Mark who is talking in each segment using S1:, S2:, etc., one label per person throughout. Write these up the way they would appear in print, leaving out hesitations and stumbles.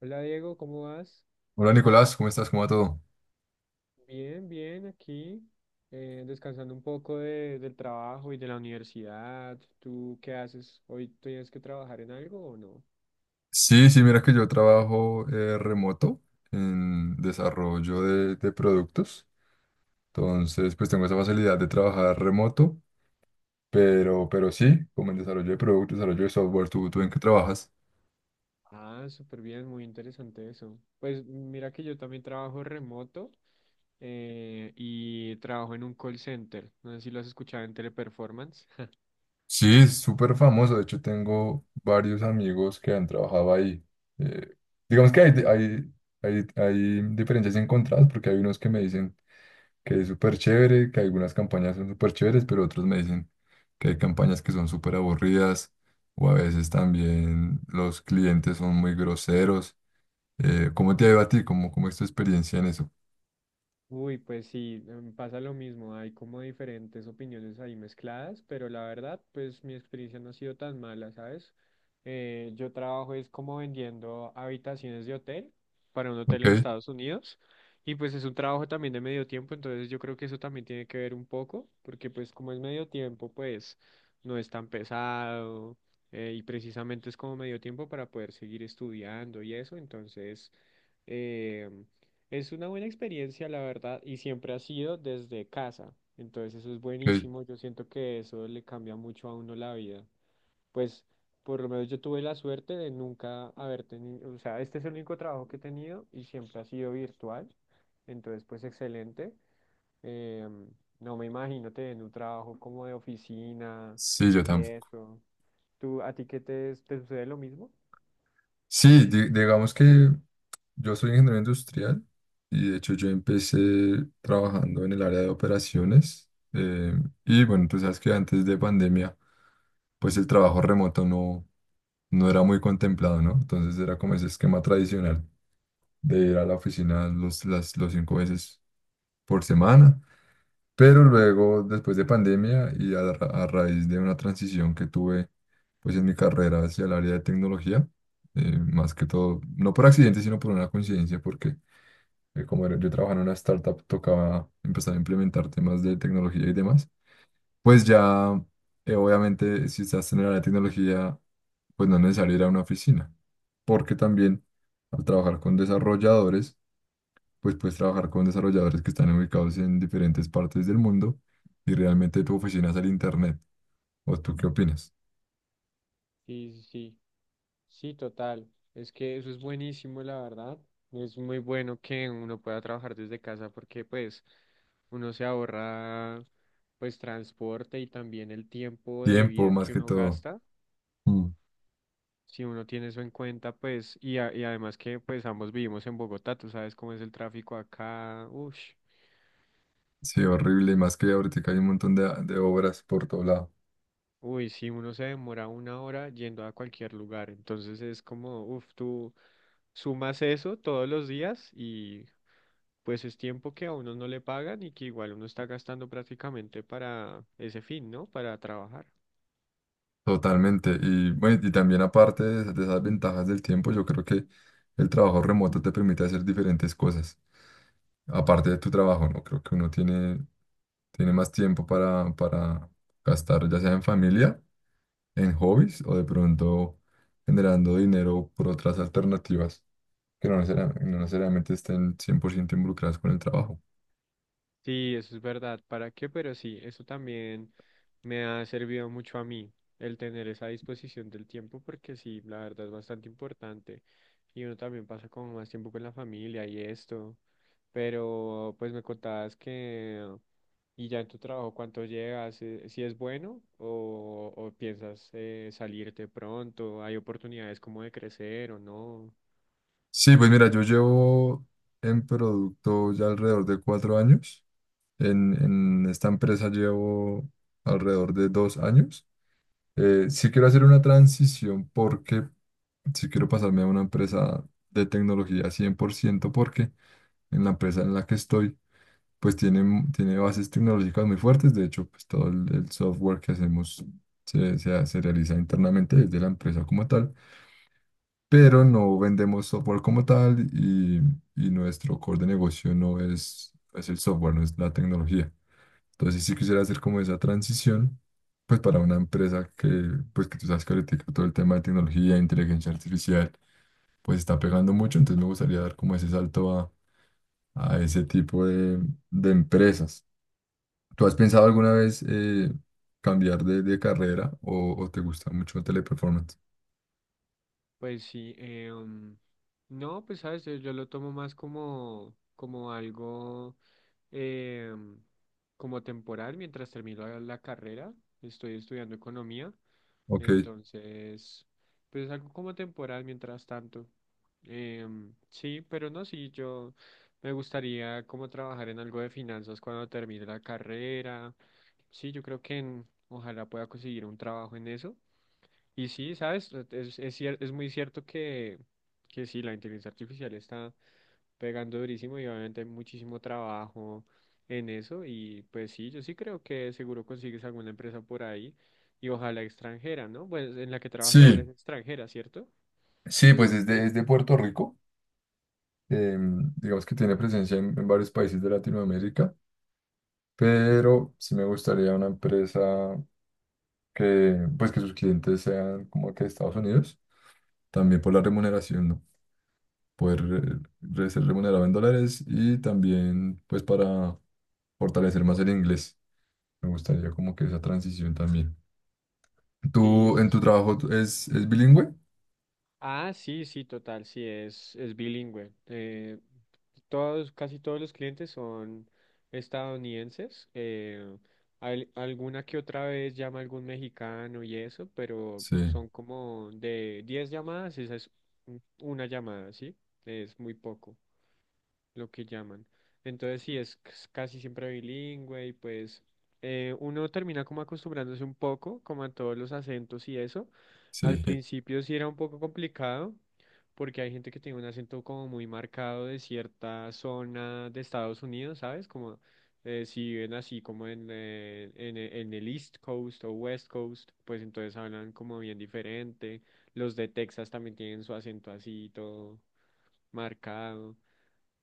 S1: Hola Diego, ¿cómo vas?
S2: Hola Nicolás, ¿cómo estás? ¿Cómo va todo?
S1: Bien, aquí descansando un poco del trabajo y de la universidad. ¿Tú qué haces? ¿Hoy tienes que trabajar en algo o no?
S2: Sí, sí, mira que yo trabajo remoto en desarrollo de productos. Entonces, pues tengo esa facilidad de trabajar remoto, pero sí, como en desarrollo de productos, desarrollo de software, ¿tú en qué trabajas?
S1: Ah, súper bien, muy interesante eso. Pues mira que yo también trabajo remoto y trabajo en un call center. No sé si lo has escuchado en Teleperformance.
S2: Sí, es súper famoso. De hecho, tengo varios amigos que han trabajado ahí. Eh, digamos que hay diferencias encontradas, porque hay unos que me dicen que es súper chévere, que algunas campañas son súper chéveres, pero otros me dicen que hay campañas que son súper aburridas, o a veces también los clientes son muy groseros. ¿Cómo te ha ido a ti? ¿Cómo es tu experiencia en eso?
S1: Uy, pues sí, pasa lo mismo, hay como diferentes opiniones ahí mezcladas, pero la verdad, pues mi experiencia no ha sido tan mala, ¿sabes? Yo trabajo es como vendiendo habitaciones de hotel para un hotel en
S2: Ok,
S1: Estados Unidos y pues es un trabajo también de medio tiempo, entonces yo creo que eso también tiene que ver un poco, porque pues como es medio tiempo, pues no es tan pesado y precisamente es como medio tiempo para poder seguir estudiando y eso, entonces... em, es una buena experiencia, la verdad, y siempre ha sido desde casa. Entonces eso es
S2: ok.
S1: buenísimo. Yo siento que eso le cambia mucho a uno la vida. Pues por lo menos yo tuve la suerte de nunca haber tenido, o sea, este es el único trabajo que he tenido y siempre ha sido virtual. Entonces, pues excelente. Em, no me imagino tener un trabajo como de oficina
S2: Sí, yo
S1: y
S2: tampoco.
S1: eso. ¿A ti qué te sucede lo mismo?
S2: Sí, digamos que yo soy ingeniero industrial, y de hecho yo empecé trabajando en el área de operaciones. Y bueno, tú sabes que antes de pandemia, pues el trabajo remoto no era muy contemplado, ¿no? Entonces era como ese esquema tradicional de ir a la oficina los, las, los cinco veces por semana. Pero luego, después de pandemia y a raíz de una transición que tuve pues en mi carrera hacia el área de tecnología, más que todo, no por accidente, sino por una coincidencia, porque yo trabajaba en una startup, tocaba empezar a implementar temas de tecnología y demás. Pues ya, obviamente, si estás generando la tecnología, pues no es necesario ir a una oficina, porque también al trabajar con desarrolladores, pues puedes trabajar con desarrolladores que están ubicados en diferentes partes del mundo, y realmente tu oficina es el internet. ¿O tú qué opinas?
S1: Sí, sí. sí. Sí, total. Es que eso es buenísimo, la verdad. Es muy bueno que uno pueda trabajar desde casa porque pues uno se ahorra pues transporte y también el tiempo de
S2: Tiempo,
S1: vida
S2: más
S1: que
S2: que
S1: uno
S2: todo.
S1: gasta.
S2: Mm.
S1: Si uno tiene eso en cuenta, pues y además que pues ambos vivimos en Bogotá, tú sabes cómo es el tráfico acá. Uff,
S2: Sí, horrible, y más que ahorita hay un montón de obras por todo lado.
S1: uy, si uno se demora una hora yendo a cualquier lugar, entonces es como, uff, tú sumas eso todos los días pues es tiempo que a uno no le pagan y que igual uno está gastando prácticamente para ese fin, ¿no? Para trabajar.
S2: Totalmente. Y bueno, y también aparte de esas ventajas del tiempo, yo creo que el trabajo remoto te permite hacer diferentes cosas, aparte de tu trabajo, ¿no? Creo que uno tiene más tiempo para gastar, ya sea en familia, en hobbies, o de pronto generando dinero por otras alternativas que no necesariamente estén 100% involucradas con el trabajo.
S1: Sí, eso es verdad. ¿Para qué? Pero sí, eso también me ha servido mucho a mí, el tener esa disposición del tiempo, porque sí, la verdad es bastante importante. Y uno también pasa como más tiempo con la familia y esto. Pero pues me contabas que, y ya en tu trabajo, ¿cuánto llegas? ¿Si es bueno o piensas salirte pronto? ¿Hay oportunidades como de crecer o no?
S2: Sí, pues mira, yo llevo en producto ya alrededor de 4 años. En esta empresa llevo alrededor de 2 años. Sí quiero hacer una transición, porque si quiero pasarme a una empresa de tecnología 100%, porque en la empresa en la que estoy, pues tiene bases tecnológicas muy fuertes. De hecho, pues todo el software que hacemos se realiza internamente desde la empresa como tal, pero no vendemos software como tal, y nuestro core de negocio no es el software, no es la tecnología. Entonces, si quisiera hacer como esa transición, pues para una empresa que, pues que tú sabes que ahorita todo el tema de tecnología, inteligencia artificial, pues está pegando mucho, entonces me gustaría dar como ese salto a ese tipo de empresas. ¿Tú has pensado alguna vez cambiar de carrera o te gusta mucho Teleperformance?
S1: Pues sí, no, pues sabes, yo lo tomo más como, como algo eh, como temporal mientras termino la carrera. Estoy estudiando economía,
S2: Ok,
S1: entonces, pues algo como temporal mientras tanto. Sí, pero no, sí, yo me gustaría como trabajar en algo de finanzas cuando termine la carrera. Sí, yo creo que ojalá pueda conseguir un trabajo en eso. Y sí, ¿sabes? Es muy cierto que sí, la inteligencia artificial está pegando durísimo y obviamente hay muchísimo trabajo en eso. Y pues sí, yo sí creo que seguro consigues alguna empresa por ahí y ojalá extranjera, ¿no? Pues en la que trabajas ahora es
S2: sí,
S1: extranjera, ¿cierto?
S2: sí, pues es de Puerto Rico. Digamos que tiene presencia en varios países de Latinoamérica, pero sí me gustaría una empresa que, pues que sus clientes sean como que de Estados Unidos, también por la remuneración, ¿no? Poder ser remunerado en dólares, y también pues para fortalecer más el inglés. Me gustaría como que esa transición también.
S1: Sí,
S2: ¿Tú
S1: sí,
S2: en tu
S1: sí.
S2: trabajo es bilingüe?
S1: Ah, sí, sí, total, sí, es bilingüe. Todos, casi todos los clientes son estadounidenses. Alguna que otra vez llama algún mexicano y eso, pero
S2: Sí,
S1: son como de 10 llamadas, esa es una llamada, ¿sí? Es muy poco lo que llaman. Entonces sí, es casi siempre bilingüe y pues uno termina como acostumbrándose un poco, como a todos los acentos y eso. Al
S2: sí,
S1: principio sí era un poco complicado porque hay gente que tiene un acento como muy marcado de cierta zona de Estados Unidos, ¿sabes? Como si viven así como en el East Coast o West Coast, pues entonces hablan como bien diferente. Los de Texas también tienen su acento así todo marcado.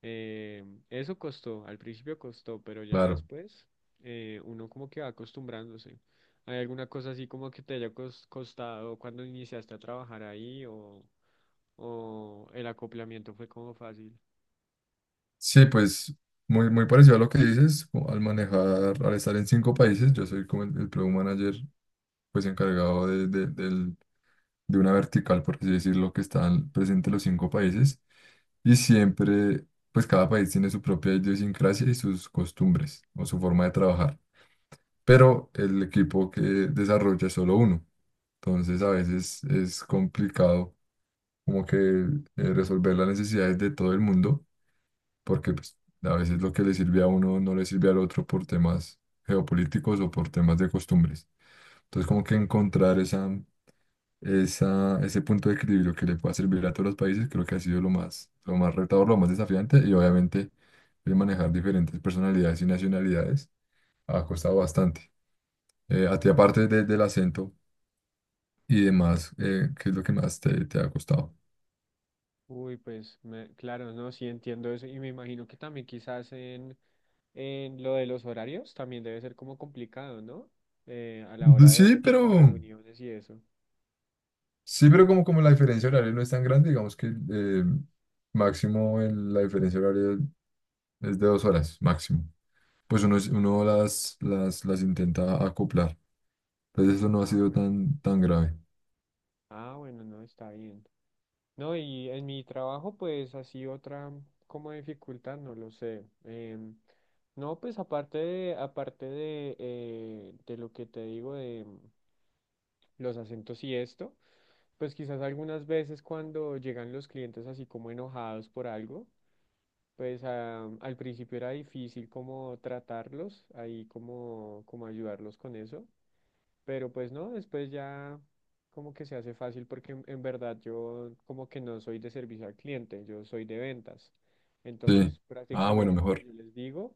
S1: Eh, eso costó, al principio costó, pero ya
S2: claro.
S1: después uno como que va acostumbrándose. ¿Hay alguna cosa así como que te haya costado cuando iniciaste a trabajar ahí o el acoplamiento fue como fácil?
S2: Sí, pues muy, muy parecido a lo que dices, o al manejar, al estar en cinco países, yo soy como el Product Manager, pues encargado de una vertical, por así decirlo, que están presentes los cinco países. Y siempre, pues cada país tiene su propia idiosincrasia y sus costumbres, o su forma de trabajar. Pero el equipo que desarrolla es solo uno. Entonces a veces es complicado como que resolver las necesidades de todo el mundo, porque pues a veces lo que le sirve a uno no le sirve al otro, por temas geopolíticos o por temas de costumbres. Entonces como que encontrar ese punto de equilibrio que le pueda servir a todos los países, creo que ha sido lo más, retador, lo más desafiante, y obviamente el manejar diferentes personalidades y nacionalidades ha costado bastante. A ti, aparte del acento y demás, ¿qué es lo que más te ha costado?
S1: Uy, pues claro, no, sí entiendo eso y me imagino que también quizás en lo de los horarios también debe ser como complicado, ¿no? A la
S2: De-
S1: hora de
S2: Sí,
S1: hacer como
S2: pero,
S1: reuniones y eso.
S2: sí, pero como la diferencia horaria no es tan grande, digamos que máximo la diferencia horaria es de 2 horas, máximo. Pues uno las intenta acoplar. Entonces eso no ha
S1: Ah,
S2: sido
S1: bueno.
S2: tan, tan grave.
S1: Ah, bueno, no, está bien. No, y en mi trabajo, pues así otra como dificultad, no lo sé. No, pues aparte de lo que te digo de los acentos y esto, pues quizás algunas veces cuando llegan los clientes así como enojados por algo, pues ah, al principio era difícil como tratarlos, ahí como, como ayudarlos con eso. Pero pues no, después ya como que se hace fácil porque en verdad yo como que no soy de servicio al cliente, yo soy de ventas.
S2: Sí.
S1: Entonces
S2: Ah, bueno,
S1: prácticamente lo que
S2: mejor.
S1: yo les digo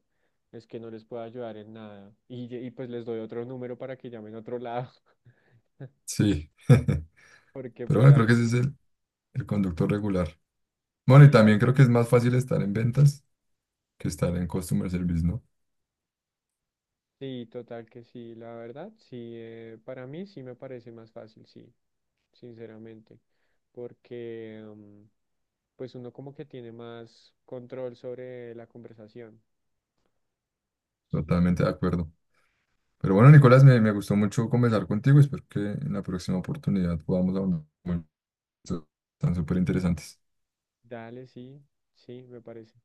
S1: es que no les puedo ayudar en nada. Y pues les doy otro número para que llamen a otro lado.
S2: Sí.
S1: Porque
S2: Pero
S1: pues
S2: bueno, creo que ese es el conductor regular. Bueno, y
S1: ahí
S2: también creo
S1: sí.
S2: que es más fácil estar en ventas que estar en customer service, ¿no?
S1: Sí, total que sí, la verdad, sí, para mí sí me parece más fácil, sí, sinceramente. Porque pues uno como que tiene más control sobre la conversación. Sí.
S2: Totalmente de acuerdo. Pero bueno, Nicolás, me gustó mucho conversar contigo. Espero que en la próxima oportunidad podamos hablar de temas tan súper interesantes.
S1: Dale, sí, sí, me parece.